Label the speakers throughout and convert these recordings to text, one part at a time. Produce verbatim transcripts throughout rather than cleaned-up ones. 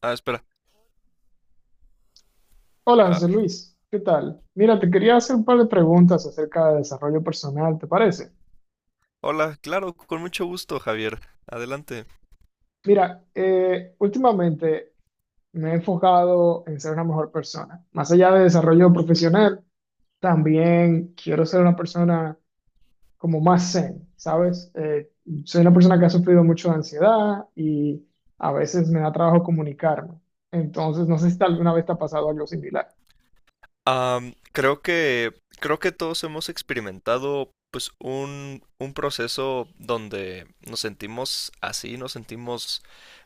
Speaker 1: Ah, espera.
Speaker 2: Hola,
Speaker 1: Ah,
Speaker 2: José Luis, ¿qué tal? Mira, te quería hacer un par de preguntas acerca de desarrollo personal, ¿te parece?
Speaker 1: hola, claro, con mucho gusto, Javier. Adelante.
Speaker 2: Mira, eh, últimamente me he enfocado en ser una mejor persona. Más allá de desarrollo profesional, también quiero ser una persona como más zen, ¿sabes? Eh, soy una persona que ha sufrido mucho de ansiedad y a veces me da trabajo comunicarme. Entonces, no sé si alguna vez te ha pasado algo similar.
Speaker 1: Am, creo que creo que todos hemos experimentado pues un, un proceso donde nos sentimos así, nos sentimos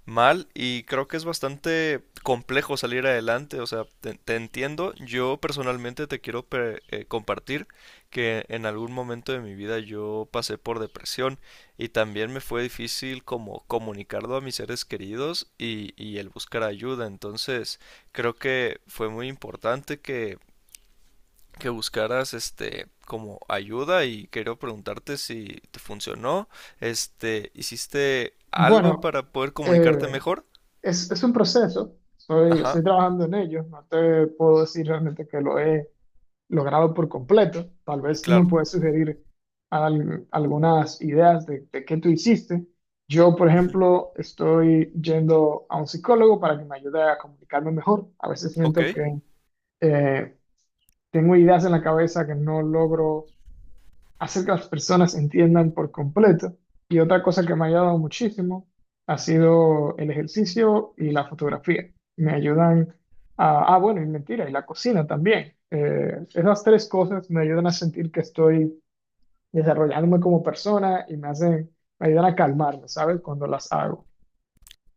Speaker 1: mal, y creo que es bastante complejo salir adelante. O sea, te, te entiendo. Yo personalmente te quiero pre- eh, compartir que en algún momento de mi vida yo pasé por depresión, y también me fue difícil como comunicarlo a mis seres queridos y, y el buscar ayuda. Entonces creo que fue muy importante que que buscaras este como ayuda, y quiero preguntarte si te funcionó. Este, ¿hiciste algo
Speaker 2: Bueno,
Speaker 1: para poder comunicarte
Speaker 2: eh,
Speaker 1: mejor?
Speaker 2: Es, es un proceso, soy, estoy
Speaker 1: Ajá,
Speaker 2: trabajando en ello, no te puedo decir realmente que lo he logrado por completo. Tal vez tú me
Speaker 1: claro.
Speaker 2: puedes sugerir al- algunas ideas de, de qué tú hiciste. Yo, por
Speaker 1: Ujú.
Speaker 2: ejemplo, estoy yendo a un psicólogo para que me ayude a comunicarme mejor. A veces
Speaker 1: Ok.
Speaker 2: siento que eh, tengo ideas en la cabeza que no logro hacer que las personas entiendan por completo. Y otra cosa que me ha ayudado muchísimo ha sido el ejercicio y la fotografía. Me ayudan a, ah, bueno, y mentira, y la cocina también. Eh, esas tres cosas me ayudan a sentir que estoy desarrollándome como persona y me hacen, me ayudan a calmarme, ¿sabes? Cuando las hago.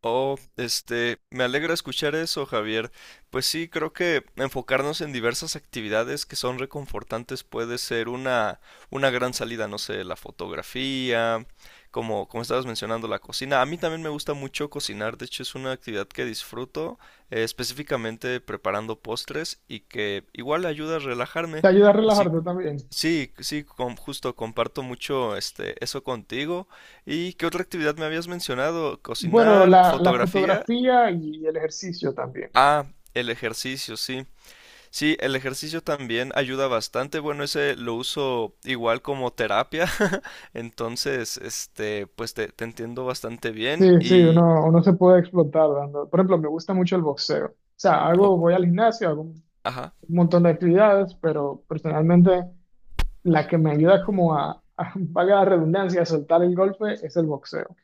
Speaker 1: Oh, este, me alegra escuchar eso, Javier. Pues sí, creo que enfocarnos en diversas actividades que son reconfortantes puede ser una, una gran salida. No sé, la fotografía, como, como estabas mencionando, la cocina. A mí también me gusta mucho cocinar; de hecho, es una actividad que disfruto, eh, específicamente preparando postres, y que igual ayuda a
Speaker 2: Te
Speaker 1: relajarme.
Speaker 2: ayuda a
Speaker 1: Así.
Speaker 2: relajarte también.
Speaker 1: Sí, sí, com- justo comparto mucho este eso contigo. ¿Y qué otra actividad me habías mencionado?
Speaker 2: Bueno,
Speaker 1: Cocinar,
Speaker 2: la, la
Speaker 1: fotografía.
Speaker 2: fotografía y el ejercicio también.
Speaker 1: Ah, el ejercicio, sí. Sí, el ejercicio también ayuda bastante. Bueno, ese lo uso igual como terapia. Entonces, este, pues te, te entiendo bastante bien.
Speaker 2: Sí, sí,
Speaker 1: Y
Speaker 2: uno, uno se puede explotar dando. Por ejemplo, me gusta mucho el boxeo. O sea,
Speaker 1: o-
Speaker 2: hago, voy al gimnasio, hago un
Speaker 1: ajá.
Speaker 2: montón de actividades, pero personalmente la que me ayuda como a, a valga la redundancia, a soltar el golpe es el boxeo.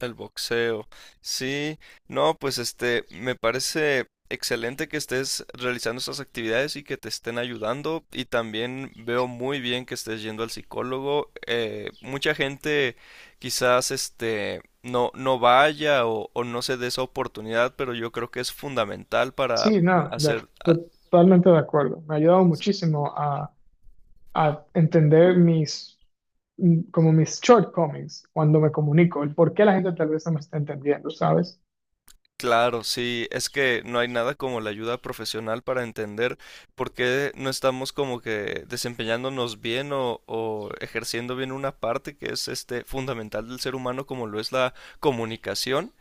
Speaker 1: El boxeo. Sí, no, pues este, me parece excelente que estés realizando estas actividades y que te estén ayudando. Y también veo muy bien que estés yendo al psicólogo. Eh, mucha gente quizás este no, no vaya o, o no se dé esa oportunidad, pero yo creo que es fundamental para
Speaker 2: Sí, no, yo
Speaker 1: hacer.
Speaker 2: estoy totalmente de acuerdo. Me ha ayudado muchísimo a, a entender mis, mm, como mis shortcomings cuando me comunico, el por qué la gente tal vez no me está entendiendo, ¿sabes?
Speaker 1: Claro, sí, es que no hay nada como la ayuda profesional para entender por qué no estamos como que desempeñándonos bien o, o ejerciendo bien una parte que es este fundamental del ser humano, como lo es la comunicación.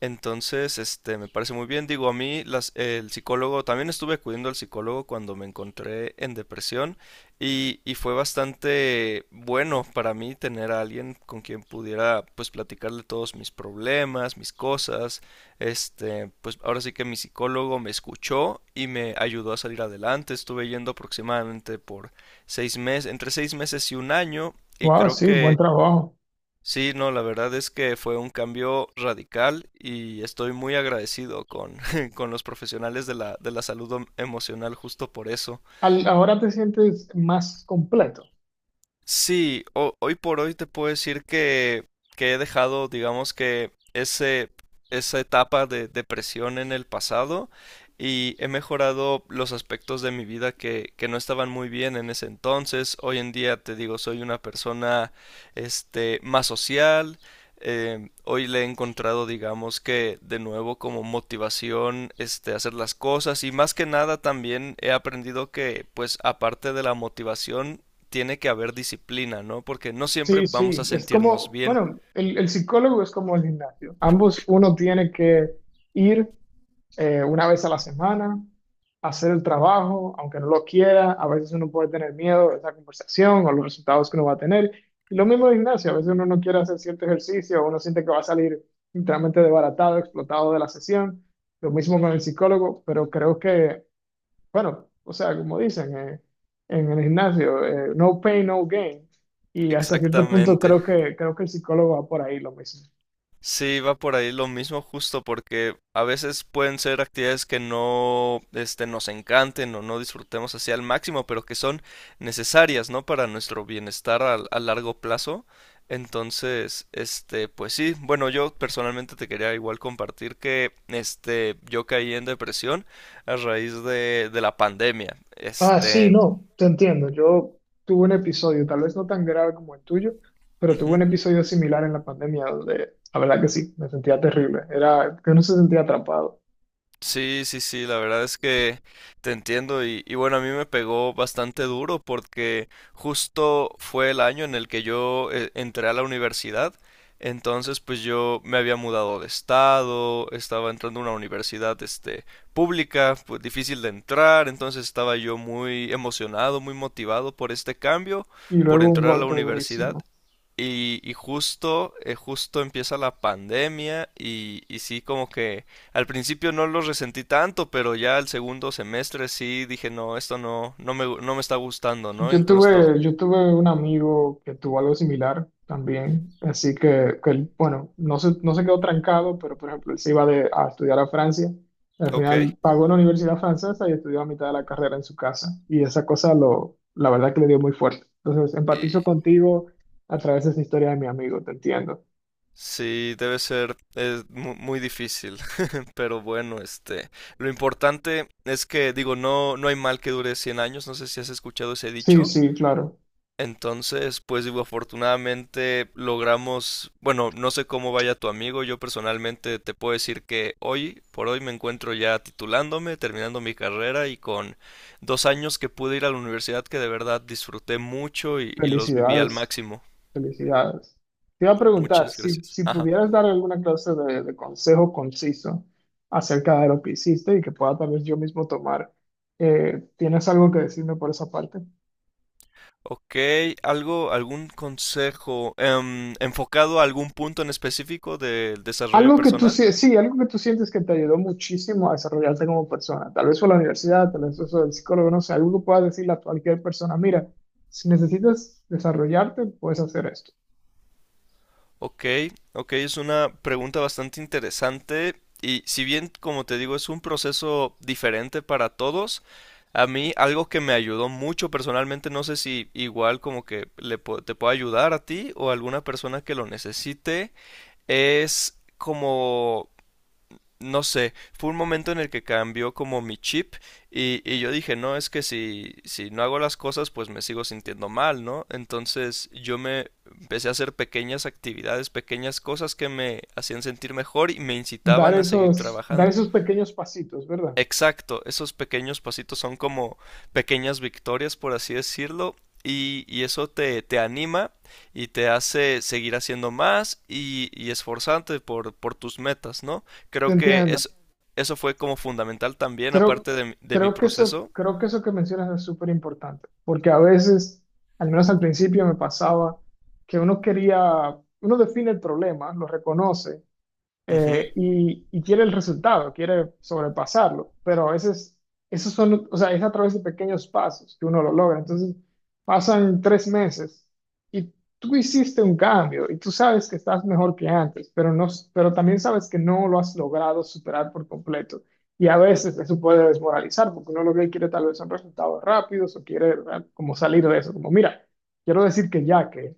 Speaker 1: Entonces, este, me parece muy bien. Digo, a mí las- el psicólogo, también estuve acudiendo al psicólogo cuando me encontré en depresión, y, y fue bastante bueno para mí tener a alguien con quien pudiera pues platicarle todos mis problemas, mis cosas. Este, pues ahora sí que mi psicólogo me escuchó y me ayudó a salir adelante. Estuve yendo aproximadamente por seis meses, entre seis meses y un año, y
Speaker 2: Wow,
Speaker 1: creo
Speaker 2: sí, buen
Speaker 1: que
Speaker 2: trabajo.
Speaker 1: sí. No, la verdad es que fue un cambio radical, y estoy muy agradecido con, con los profesionales de la, de la salud em- emocional justo por eso.
Speaker 2: Al- ahora te sientes más completo.
Speaker 1: Sí, ho- hoy por hoy te puedo decir que, que he dejado, digamos, que ese, esa etapa de depresión en el pasado, y he mejorado los aspectos de mi vida que, que no estaban muy bien en ese entonces. Hoy en día te digo, soy una persona, este, más social. Eh, hoy le he encontrado, digamos, que de nuevo como motivación, este, hacer las cosas; y más que nada también he aprendido que pues aparte de la motivación tiene que haber disciplina, ¿no? Porque no siempre
Speaker 2: Sí,
Speaker 1: vamos a
Speaker 2: sí, es
Speaker 1: sentirnos
Speaker 2: como,
Speaker 1: bien.
Speaker 2: bueno, el, el psicólogo es como el gimnasio. Ambos uno tiene que ir, eh, una vez a la semana, hacer el trabajo, aunque no lo quiera. A veces uno puede tener miedo de esa conversación o los resultados que uno va a tener. Y lo mismo el gimnasio, a veces uno no quiere hacer cierto ejercicio, uno siente que va a salir literalmente desbaratado, explotado de la sesión. Lo mismo con el psicólogo, pero creo que bueno, o sea, como dicen, eh, en el gimnasio, eh, no pain, no gain. Y hasta cierto punto
Speaker 1: Exactamente.
Speaker 2: creo que, creo que el psicólogo va por ahí lo mismo.
Speaker 1: Sí, va por ahí lo mismo justo porque a veces pueden ser actividades que no este nos encanten o no disfrutemos así al máximo, pero que son necesarias, ¿no? Para nuestro bienestar a, a, largo plazo. Entonces, este, pues sí, bueno, yo personalmente te quería igual compartir que este yo caí en depresión a raíz de de la pandemia.
Speaker 2: Ah, sí,
Speaker 1: Este,
Speaker 2: no, te entiendo. Yo tuve un episodio, tal vez no tan grave como el tuyo, pero tuve
Speaker 1: ujú.
Speaker 2: un episodio similar en la pandemia donde, la verdad que sí, me sentía terrible. Era que uno se sentía atrapado.
Speaker 1: Sí, sí, sí, la verdad es que te entiendo, y, y bueno, a mí me pegó bastante duro porque justo fue el año en el que yo eh, entré a la universidad. Entonces pues yo me había mudado de estado, estaba entrando a una universidad este pública, pues difícil de entrar; entonces estaba yo muy emocionado, muy motivado por este cambio,
Speaker 2: Y
Speaker 1: por
Speaker 2: luego un
Speaker 1: entrar a la
Speaker 2: golpe
Speaker 1: universidad,
Speaker 2: durísimo.
Speaker 1: y, y justo, eh, justo empieza la pandemia, y, y sí, como que al principio no lo resentí tanto, pero ya al segundo semestre sí dije, no, esto no, no me, gu- no me está gustando, ¿no?
Speaker 2: Yo
Speaker 1: Entonces lo.
Speaker 2: tuve, yo tuve un amigo que tuvo algo similar también, así que, que él, bueno, no se, no se quedó trancado, pero por ejemplo, él se iba de- a estudiar a Francia, y al
Speaker 1: Ok.
Speaker 2: final pagó una universidad francesa y estudió a mitad de la carrera en su casa, y esa cosa lo, la verdad que le dio muy fuerte. Entonces, empatizo
Speaker 1: Y
Speaker 2: contigo a través de esa historia de mi amigo, te entiendo.
Speaker 1: sí, debe ser eh, mu- muy difícil. Pero bueno, este, lo importante es que, digo, no, no hay mal que dure cien años. No sé si has escuchado ese
Speaker 2: Sí,
Speaker 1: dicho.
Speaker 2: sí, claro.
Speaker 1: Entonces, pues digo, afortunadamente logramos, bueno, no sé cómo vaya tu amigo. Yo personalmente te puedo decir que hoy, por hoy me encuentro ya titulándome, terminando mi carrera, y con dos años que pude ir a la universidad que de verdad disfruté mucho, y, y los viví al
Speaker 2: Felicidades.
Speaker 1: máximo.
Speaker 2: Felicidades. Te iba a preguntar,
Speaker 1: Muchas
Speaker 2: si,
Speaker 1: gracias.
Speaker 2: si
Speaker 1: Ajá.
Speaker 2: pudieras dar alguna clase de, de consejo conciso acerca de lo que hiciste y que pueda tal vez yo mismo tomar, eh, ¿tienes algo que decirme por esa parte?
Speaker 1: Ok, algo, ¿algún consejo, em, enfocado a algún punto en específico del desarrollo
Speaker 2: Algo que tú,
Speaker 1: personal?
Speaker 2: sie- sí, algo que tú sientes que te ayudó muchísimo a desarrollarte como persona. Tal vez fue la universidad, tal vez eso del psicólogo, no sé, algo que puedas decirle a cualquier persona, mira, si necesitas desarrollarte, puedes hacer esto.
Speaker 1: Ok, ok, es una pregunta bastante interesante, y si bien, como te digo, es un proceso diferente para todos. A mí algo que me ayudó mucho personalmente, no sé si igual como que le, pu- te puedo ayudar a ti o a alguna persona que lo necesite, es como, no sé, fue un momento en el que cambió como mi chip, y, y yo dije, no, es que si, si no hago las cosas, pues me sigo sintiendo mal, ¿no? Entonces yo me empecé a hacer pequeñas actividades, pequeñas cosas que me hacían sentir mejor y me
Speaker 2: Dar
Speaker 1: incitaban a seguir
Speaker 2: esos, dar
Speaker 1: trabajando.
Speaker 2: esos pequeños pasitos, ¿verdad?
Speaker 1: Exacto, esos pequeños pasitos son como pequeñas victorias, por así decirlo, y, y eso te, te anima y te hace seguir haciendo más, y, y esforzarte por, por tus metas, ¿no?
Speaker 2: Te
Speaker 1: Creo que
Speaker 2: entiendo.
Speaker 1: es, eso fue como fundamental también,
Speaker 2: Creo,
Speaker 1: aparte de, mi- de mi
Speaker 2: creo que eso,
Speaker 1: proceso.
Speaker 2: creo que eso que mencionas es súper importante, porque a veces, al menos al principio me pasaba, que uno quería, uno define el problema, lo reconoce,
Speaker 1: Ujú.
Speaker 2: eh, y, y quiere el resultado, quiere sobrepasarlo, pero a veces esos son, o sea, es a través de pequeños pasos que uno lo logra. Entonces, pasan tres meses y tú hiciste un cambio y tú sabes que estás mejor que antes, pero, no, pero también sabes que no lo has logrado superar por completo. Y a veces eso puede desmoralizar porque uno lo que quiere tal vez son resultados rápidos o quiere, ¿verdad?, como salir de eso, como mira, quiero decir que ya, que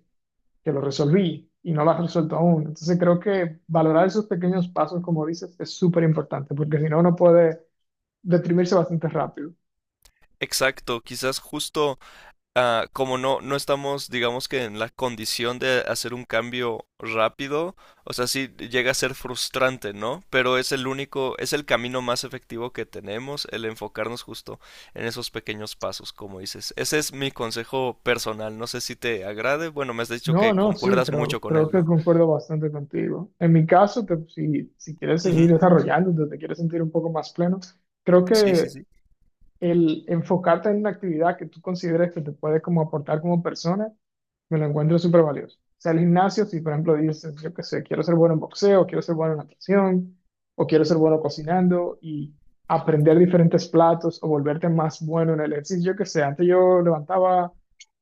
Speaker 2: que lo resolví y no lo has resuelto aún. Entonces creo que valorar esos pequeños pasos, como dices, es súper importante, porque si no, uno puede deprimirse bastante rápido.
Speaker 1: Exacto, quizás justo ah, como no, no estamos, digamos, que en la condición de hacer un cambio rápido. O sea, sí llega a ser frustrante, ¿no? Pero es el único, es el camino más efectivo que tenemos, el enfocarnos justo en esos pequeños pasos, como dices. Ese es mi consejo personal, no sé si te agrade. Bueno, me has dicho
Speaker 2: No,
Speaker 1: que
Speaker 2: no, sí,
Speaker 1: concuerdas mucho
Speaker 2: creo,
Speaker 1: con
Speaker 2: creo
Speaker 1: él,
Speaker 2: que
Speaker 1: ¿no?
Speaker 2: concuerdo bastante contigo. En mi caso, te- si, si quieres seguir
Speaker 1: Ujú.
Speaker 2: desarrollándote, te quieres sentir un poco más pleno, creo
Speaker 1: Sí, sí,
Speaker 2: que
Speaker 1: sí.
Speaker 2: el enfocarte en una actividad que tú consideres que te puede como aportar como persona me lo encuentro súper valioso. O sea, el gimnasio, si por ejemplo dices, yo qué sé, quiero ser bueno en boxeo, quiero ser bueno en natación, o quiero ser bueno cocinando y aprender diferentes platos o volverte más bueno en el ejercicio, yo qué sé, antes yo levantaba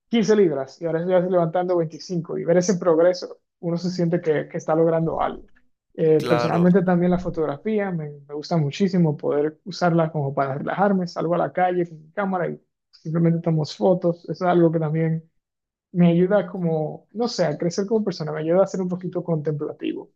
Speaker 2: quince libras y ahora estoy levantando veinticinco y ver ese progreso, uno se siente que, que está logrando algo. Eh,
Speaker 1: Claro.
Speaker 2: personalmente también la fotografía, me, me gusta muchísimo poder usarla como para relajarme, salgo a la calle con mi cámara y simplemente tomamos fotos, eso es algo que también me ayuda como, no sé, a crecer como persona, me ayuda a ser un poquito contemplativo.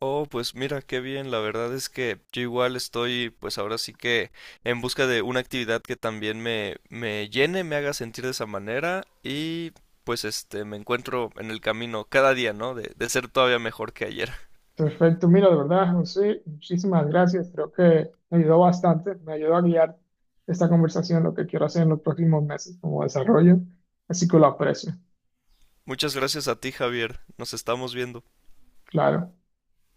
Speaker 1: Oh, pues mira, qué bien. La verdad es que yo igual estoy, pues ahora sí que, en busca de una actividad que también me, me llene, me haga sentir de esa manera, y pues este, me encuentro en el camino cada día, ¿no? De, de ser todavía mejor que ayer.
Speaker 2: Perfecto, mira, de verdad, José, muchísimas gracias, creo que me ayudó bastante, me ayudó a guiar esta conversación, lo que quiero hacer en los próximos meses como desarrollo, así que lo aprecio,
Speaker 1: Muchas gracias a ti, Javier. Nos estamos viendo.
Speaker 2: claro.